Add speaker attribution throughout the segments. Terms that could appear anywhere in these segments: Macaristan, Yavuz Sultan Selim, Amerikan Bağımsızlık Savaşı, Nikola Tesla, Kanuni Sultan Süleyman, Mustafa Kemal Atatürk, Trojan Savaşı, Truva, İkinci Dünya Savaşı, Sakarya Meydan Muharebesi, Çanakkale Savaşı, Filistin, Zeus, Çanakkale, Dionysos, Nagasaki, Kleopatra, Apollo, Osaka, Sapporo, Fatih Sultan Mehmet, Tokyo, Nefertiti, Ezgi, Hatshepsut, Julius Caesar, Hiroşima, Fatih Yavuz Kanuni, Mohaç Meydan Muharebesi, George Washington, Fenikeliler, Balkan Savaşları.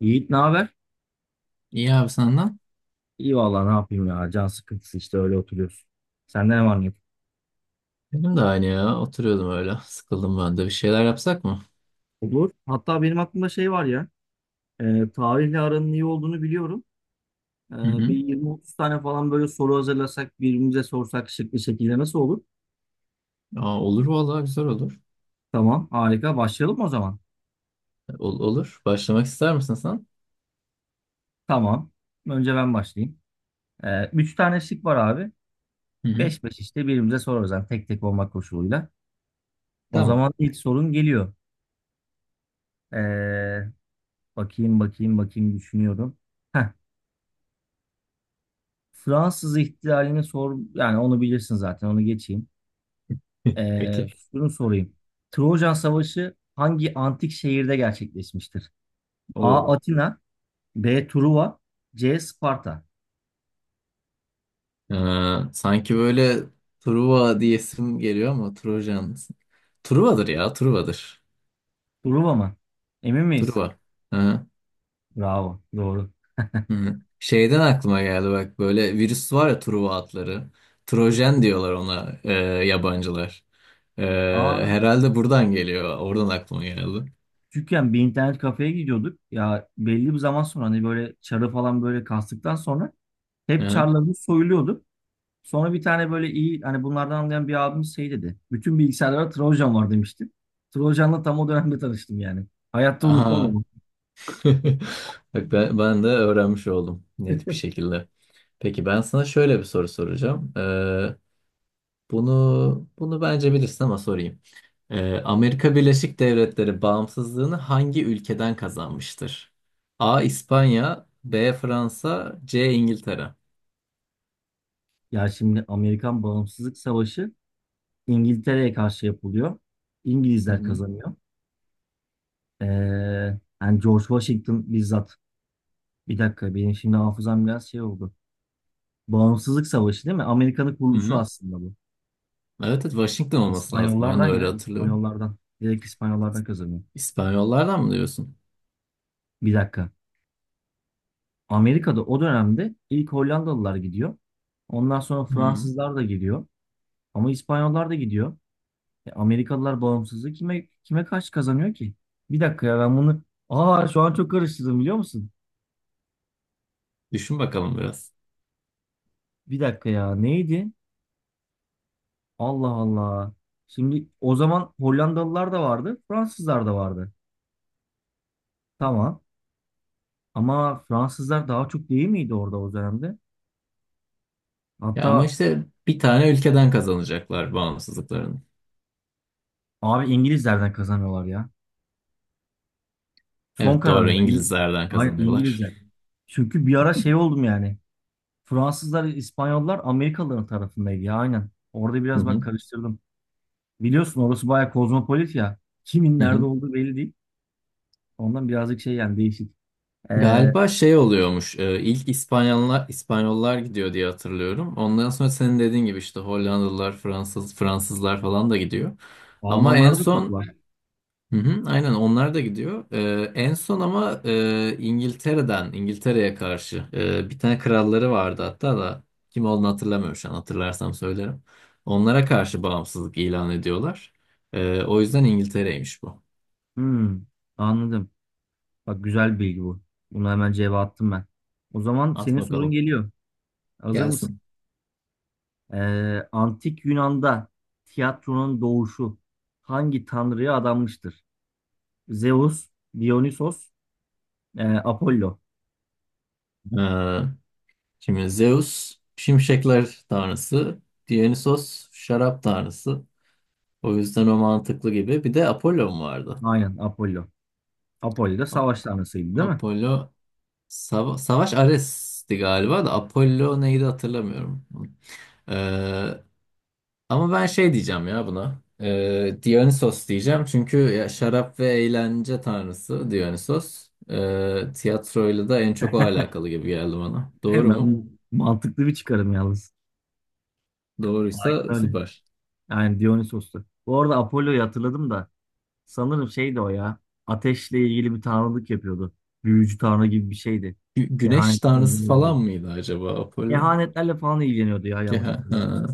Speaker 1: Yiğit ne haber?
Speaker 2: İyi abi senden.
Speaker 1: İyi vallahi ne yapayım ya. Can sıkıntısı işte öyle oturuyoruz. Sende ne var ne yok?
Speaker 2: Benim de aynı ya. Oturuyordum öyle. Sıkıldım ben de. Bir şeyler yapsak mı?
Speaker 1: Olur. Hatta benim aklımda şey var ya. Tarihle aranın iyi olduğunu biliyorum. E,
Speaker 2: Hı
Speaker 1: Bir
Speaker 2: hı.
Speaker 1: 20-30 tane falan böyle soru hazırlasak birbirimize sorsak şık bir şekilde nasıl olur?
Speaker 2: Olur vallahi güzel olur.
Speaker 1: Tamam harika. Başlayalım mı o zaman?
Speaker 2: Olur. Başlamak ister misin sen?
Speaker 1: Tamam. Önce ben başlayayım. 3 tane şık var abi.
Speaker 2: Hı hı.
Speaker 1: Beş beş işte birbirimize sorarız. Yani tek tek olmak koşuluyla. O
Speaker 2: Tamam.
Speaker 1: zaman ilk sorun geliyor. E, bakayım bakayım bakayım düşünüyorum. Heh. Fransız ihtilalini sor yani onu bilirsin zaten onu geçeyim.
Speaker 2: Peki.
Speaker 1: Şunu sorayım. Trojan Savaşı hangi antik şehirde gerçekleşmiştir? A.
Speaker 2: Oo.
Speaker 1: Atina B. Truva C. Sparta.
Speaker 2: Ee, Sanki böyle Truva diyesim geliyor ama Trojan. Truva'dır ya. Truva'dır.
Speaker 1: Truva mı? Emin miyiz?
Speaker 2: Truva.
Speaker 1: Bravo. Doğru.
Speaker 2: Hı. Şeyden aklıma geldi bak böyle virüs var ya Truva atları. Trojen diyorlar ona yabancılar. E,
Speaker 1: Aa,
Speaker 2: Herhalde buradan geliyor. Oradan aklıma geldi.
Speaker 1: küçükken bir internet kafeye gidiyorduk. Ya belli bir zaman sonra hani böyle çarı falan böyle kastıktan sonra hep
Speaker 2: Hı.
Speaker 1: çarlarımız soyuluyorduk. Sonra bir tane böyle iyi hani bunlardan anlayan bir abimiz şey dedi. Bütün bilgisayarlara Trojan var demişti. Trojan'la tam o dönemde tanıştım yani. Hayatta unutmam
Speaker 2: Aha.
Speaker 1: onu.
Speaker 2: Bak ben de öğrenmiş oldum net bir şekilde. Peki ben sana şöyle bir soru soracağım. Bunu bence bilirsin ama sorayım. Amerika Birleşik Devletleri bağımsızlığını hangi ülkeden kazanmıştır? A. İspanya, B. Fransa, C. İngiltere.
Speaker 1: Ya şimdi Amerikan Bağımsızlık Savaşı İngiltere'ye karşı yapılıyor.
Speaker 2: Hı
Speaker 1: İngilizler
Speaker 2: hı.
Speaker 1: kazanıyor. Ee, yani George Washington bizzat. Bir dakika benim şimdi hafızam biraz şey oldu. Bağımsızlık Savaşı değil mi? Amerika'nın
Speaker 2: Hı
Speaker 1: kuruluşu
Speaker 2: hı.
Speaker 1: aslında bu.
Speaker 2: Evet, evet, Washington olması lazım. Ben de
Speaker 1: İspanyollardan
Speaker 2: öyle
Speaker 1: ya
Speaker 2: hatırlıyorum.
Speaker 1: İspanyollardan. Direkt İspanyollardan kazanıyor.
Speaker 2: İspanyollardan mı diyorsun?
Speaker 1: Bir dakika. Amerika'da o dönemde ilk Hollandalılar gidiyor. Ondan sonra
Speaker 2: Hı.
Speaker 1: Fransızlar da gidiyor. Ama İspanyollar da gidiyor. Amerikalılar bağımsızlığı kime karşı kazanıyor ki? Bir dakika ya ben bunu... Aa, şu an çok karıştırdım biliyor musun?
Speaker 2: Düşün bakalım biraz.
Speaker 1: Bir dakika ya neydi? Allah Allah. Şimdi o zaman Hollandalılar da vardı, Fransızlar da vardı. Tamam. Ama Fransızlar daha çok değil miydi orada o dönemde?
Speaker 2: Ya ama
Speaker 1: Hatta
Speaker 2: işte bir tane ülkeden kazanacaklar bağımsızlıklarını.
Speaker 1: abi İngilizlerden kazanıyorlar ya. Son
Speaker 2: Evet, doğru,
Speaker 1: kararım. Yani,
Speaker 2: İngilizlerden
Speaker 1: hayır
Speaker 2: kazanıyorlar.
Speaker 1: İngilizler. Çünkü bir ara şey oldum yani. Fransızlar, İspanyollar Amerikalıların tarafındaydı ya aynen. Orada
Speaker 2: Hı
Speaker 1: biraz bak
Speaker 2: hı.
Speaker 1: karıştırdım. Biliyorsun orası bayağı kozmopolit ya. Kimin
Speaker 2: Hı
Speaker 1: nerede
Speaker 2: hı.
Speaker 1: olduğu belli değil. Ondan birazcık şey yani değişik. Ee,
Speaker 2: Galiba şey oluyormuş. İlk İspanyollar gidiyor diye hatırlıyorum. Ondan sonra senin dediğin gibi işte Hollandalılar, Fransızlar falan da gidiyor. Ama en
Speaker 1: Almanlar da çok
Speaker 2: son
Speaker 1: var.
Speaker 2: hı hı, aynen onlar da gidiyor. En son ama İngiltere'ye karşı bir tane kralları vardı hatta da kim olduğunu hatırlamıyorum şu an. Hatırlarsam söylerim. Onlara karşı bağımsızlık ilan ediyorlar. O yüzden İngiltere'ymiş bu.
Speaker 1: Hmm, anladım. Bak güzel bir bilgi bu. Bunu hemen cevap attım ben. O zaman
Speaker 2: At
Speaker 1: senin sorun
Speaker 2: bakalım.
Speaker 1: geliyor. Hazır mısın?
Speaker 2: Gelsin.
Speaker 1: Antik Yunan'da tiyatronun doğuşu hangi tanrıya adanmıştır? Zeus, Dionysos, Apollo.
Speaker 2: E, Şimdi Zeus şimşekler tanrısı, Dionysos şarap tanrısı. O yüzden o mantıklı gibi. Bir de Apollo mu vardı?
Speaker 1: Aynen Apollo. Apollo da
Speaker 2: Ap-
Speaker 1: savaş tanrısıydı değil mi?
Speaker 2: Apollo. Savaş Ares'ti galiba da Apollo neydi hatırlamıyorum. Ee, Ama ben şey diyeceğim ya buna. Dionysos diyeceğim çünkü ya şarap ve eğlence tanrısı Dionysos. Tiyatroyla da en çok o alakalı gibi geldi bana. Doğru mu?
Speaker 1: Hemen mantıklı bir çıkarım yalnız. Aynen
Speaker 2: Doğruysa
Speaker 1: öyle.
Speaker 2: süper.
Speaker 1: Yani Dionysos'tu. Bu arada Apollo'yu hatırladım da sanırım şeydi o ya. Ateşle ilgili bir tanrılık yapıyordu. Büyücü tanrı gibi bir şeydi.
Speaker 2: Güneş tanrısı
Speaker 1: Kehanetlerle ilgili.
Speaker 2: falan mıydı acaba Apollo?
Speaker 1: Kehanetlerle falan ilgileniyordu ya
Speaker 2: Ki
Speaker 1: yanlış
Speaker 2: ha, ha,
Speaker 1: hatırlamıyorsam.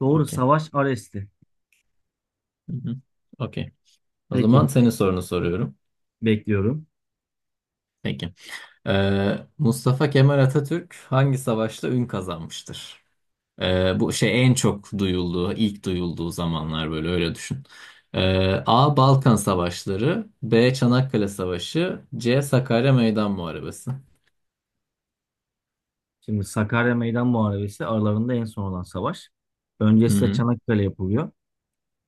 Speaker 1: Doğru
Speaker 2: okey.
Speaker 1: savaş Ares'ti.
Speaker 2: Hı hı, okey. O
Speaker 1: Peki
Speaker 2: zaman senin sorunu soruyorum.
Speaker 1: bekliyorum.
Speaker 2: Peki. Mustafa Kemal Atatürk hangi savaşta ün kazanmıştır? Bu şey en çok duyulduğu, ilk duyulduğu zamanlar böyle öyle düşün. A. Balkan Savaşları, B. Çanakkale Savaşı, C. Sakarya Meydan Muharebesi.
Speaker 1: Şimdi Sakarya Meydan Muharebesi aralarında en son olan savaş. Öncesi de
Speaker 2: Hı-hı.
Speaker 1: Çanakkale yapılıyor.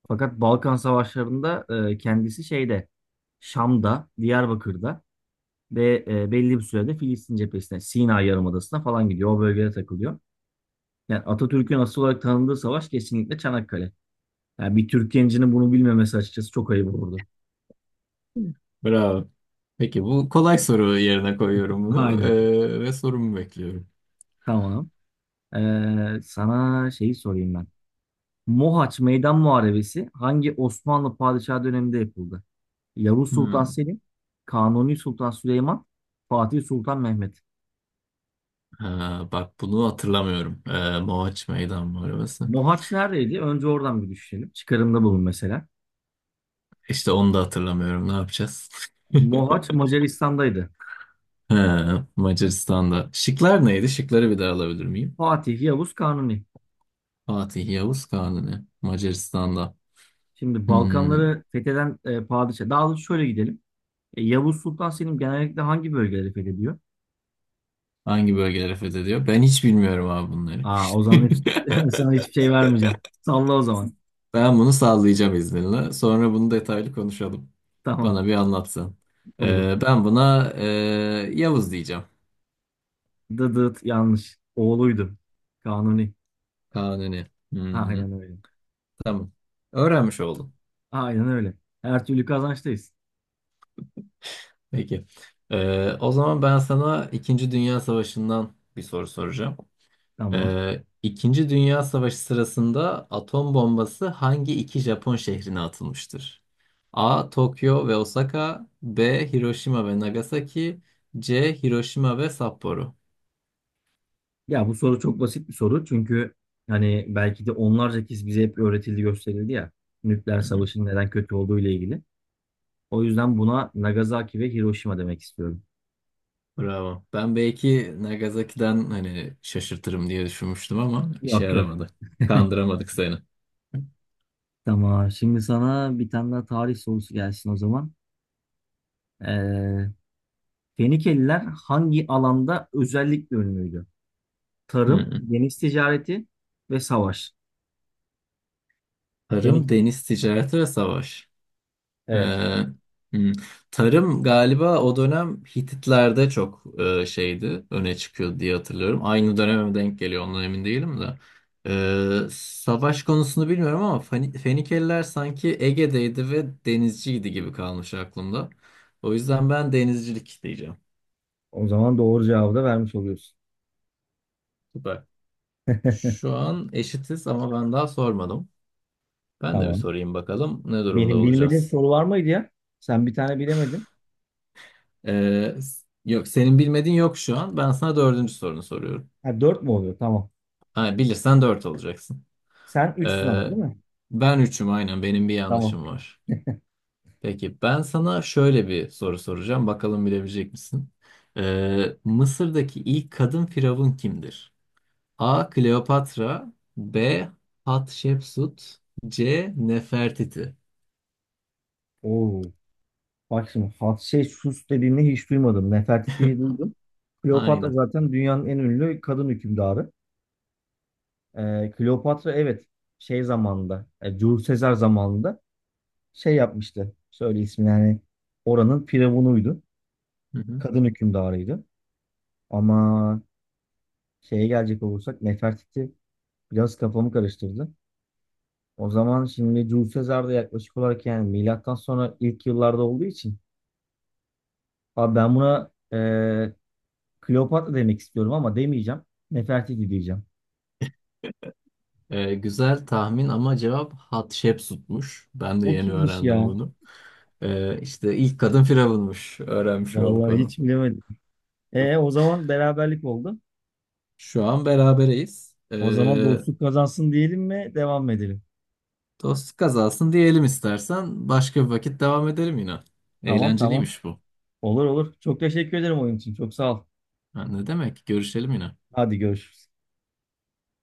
Speaker 1: Fakat Balkan Savaşları'nda kendisi şeyde Şam'da, Diyarbakır'da ve belli bir sürede Filistin cephesine, Sina Yarımadası'na falan gidiyor. O bölgede takılıyor. Yani Atatürk'ün asıl olarak tanındığı savaş kesinlikle Çanakkale. Yani bir Türk gencinin bunu bilmemesi açıkçası çok ayıp olurdu.
Speaker 2: Bravo. Peki bu kolay soru yerine koyuyorum bunu
Speaker 1: Aynen.
Speaker 2: ve sorumu bekliyorum.
Speaker 1: Tamam. Sana şeyi sorayım ben. Mohaç Meydan Muharebesi hangi Osmanlı padişahı döneminde yapıldı? Yavuz Sultan
Speaker 2: Hı.
Speaker 1: Selim, Kanuni Sultan Süleyman, Fatih Sultan Mehmet.
Speaker 2: Ha, bak bunu hatırlamıyorum. Mohaç Meydan Muharebesi.
Speaker 1: Mohaç neredeydi? Önce oradan bir düşünelim. Çıkarımda bulun mesela.
Speaker 2: İşte onu da hatırlamıyorum. Ne yapacağız?
Speaker 1: Mohaç Macaristan'daydı.
Speaker 2: Ha, Macaristan'da. Şıklar neydi? Şıkları bir daha alabilir miyim?
Speaker 1: Fatih, Yavuz, Kanuni.
Speaker 2: Fatih, Yavuz, Kanuni. Macaristan'da.
Speaker 1: Şimdi
Speaker 2: Hmm,
Speaker 1: Balkanları fetheden padişah. Daha doğrusu şöyle gidelim. Yavuz Sultan Selim genellikle hangi bölgeleri fethediyor?
Speaker 2: hangi bölgeleri fethediyor? Ben hiç bilmiyorum abi bunları.
Speaker 1: Aa, o zaman hiç, sana hiçbir şey vermeyeceğim. Salla o zaman.
Speaker 2: Ben bunu sallayacağım izninle. Sonra bunu detaylı konuşalım.
Speaker 1: Tamam,
Speaker 2: Bana bir anlatsın.
Speaker 1: olur.
Speaker 2: Ben buna Yavuz diyeceğim.
Speaker 1: Dıdıt yanlış. Oğluydu. Kanuni.
Speaker 2: Kanuni. Hı hı,
Speaker 1: Aynen öyle.
Speaker 2: tamam. Öğrenmiş oldum.
Speaker 1: Aynen öyle. Her türlü kazançtayız.
Speaker 2: Peki. O zaman ben sana İkinci Dünya Savaşı'ndan bir soru soracağım.
Speaker 1: Tamam.
Speaker 2: İkinci Dünya Savaşı sırasında atom bombası hangi iki Japon şehrine atılmıştır? A. Tokyo ve Osaka, B. Hiroşima ve Nagasaki, C. Hiroşima ve Sapporo.
Speaker 1: Ya bu soru çok basit bir soru çünkü hani belki de onlarca kez bize hep öğretildi gösterildi ya nükleer
Speaker 2: Hı hı.
Speaker 1: savaşın neden kötü olduğu ile ilgili. O yüzden buna Nagasaki ve Hiroşima demek istiyorum.
Speaker 2: Bravo. Ben belki Nagasaki'den hani şaşırtırım diye düşünmüştüm ama işe
Speaker 1: Yok yok.
Speaker 2: yaramadı. Kandıramadık seni.
Speaker 1: Tamam. Şimdi sana bir tane daha tarih sorusu gelsin o zaman. Ee, Fenikeliler hangi alanda özellikle ünlüydü?
Speaker 2: Hı
Speaker 1: Tarım,
Speaker 2: hı.
Speaker 1: deniz ticareti ve savaş. Fenik.
Speaker 2: Tarım, deniz ticareti ve savaş. Ee,
Speaker 1: Evet.
Speaker 2: hmm. Tarım galiba o dönem Hititler'de çok şeydi, öne çıkıyordu diye hatırlıyorum. Aynı döneme mi denk geliyor ondan emin değilim de. Savaş konusunu bilmiyorum ama Fenikeliler sanki Ege'deydi ve denizciydi gibi kalmış aklımda. O yüzden ben denizcilik diyeceğim.
Speaker 1: O zaman doğru cevabı da vermiş oluyorsun.
Speaker 2: Süper. Şu an eşitiz ama ben daha sormadım. Ben de bir
Speaker 1: Tamam.
Speaker 2: sorayım bakalım ne durumda
Speaker 1: Benim bilmediğim
Speaker 2: olacağız.
Speaker 1: soru var mıydı ya? Sen bir tane bilemedin.
Speaker 2: Yok, senin bilmediğin yok şu an. Ben sana dördüncü sorunu soruyorum.
Speaker 1: Ha, 4 mü oluyor? Tamam.
Speaker 2: Ha, bilirsen 4 olacaksın.
Speaker 1: Sen 3'sün ama
Speaker 2: Ee,
Speaker 1: değil mi?
Speaker 2: Ben üçüm, aynen benim bir
Speaker 1: Tamam.
Speaker 2: yanlışım var. Peki ben sana şöyle bir soru soracağım. Bakalım bilebilecek misin? Mısır'daki ilk kadın firavun kimdir? A. Kleopatra, B. Hatshepsut, C. Nefertiti.
Speaker 1: Oo. Bak şimdi Hat şey Sus dediğini hiç duymadım. Nefertiti'yi duydum. Kleopatra
Speaker 2: Aynen.
Speaker 1: zaten dünyanın en ünlü kadın hükümdarı. Kleopatra evet şey zamanında Julius Caesar zamanında şey yapmıştı. Söyle ismini yani oranın firavunuydu.
Speaker 2: Hı hı.
Speaker 1: Kadın hükümdarıydı. Ama şeye gelecek olursak Nefertiti biraz kafamı karıştırdı. O zaman şimdi Julius Caesar da yaklaşık olarak yani milattan sonra ilk yıllarda olduğu için abi ben buna Kleopatra demek istiyorum ama demeyeceğim. Nefertiti diyeceğim.
Speaker 2: Güzel tahmin ama cevap Hatshepsut'muş. Ben de
Speaker 1: O
Speaker 2: yeni
Speaker 1: kimmiş
Speaker 2: öğrendim
Speaker 1: ya?
Speaker 2: bunu. İşte ilk kadın firavunmuş. Öğrenmiş olduk
Speaker 1: Vallahi
Speaker 2: onu.
Speaker 1: hiç bilemedim. E o zaman beraberlik oldu.
Speaker 2: Şu an berabereyiz.
Speaker 1: O zaman dostluk kazansın diyelim mi? Devam mı edelim?
Speaker 2: Dost kazansın diyelim istersen. Başka bir vakit devam edelim yine.
Speaker 1: Tamam tamam.
Speaker 2: Eğlenceliymiş bu.
Speaker 1: Olur olur. Çok teşekkür ederim oyun için. Çok sağ ol.
Speaker 2: Ha, ne demek? Görüşelim yine.
Speaker 1: Hadi görüşürüz.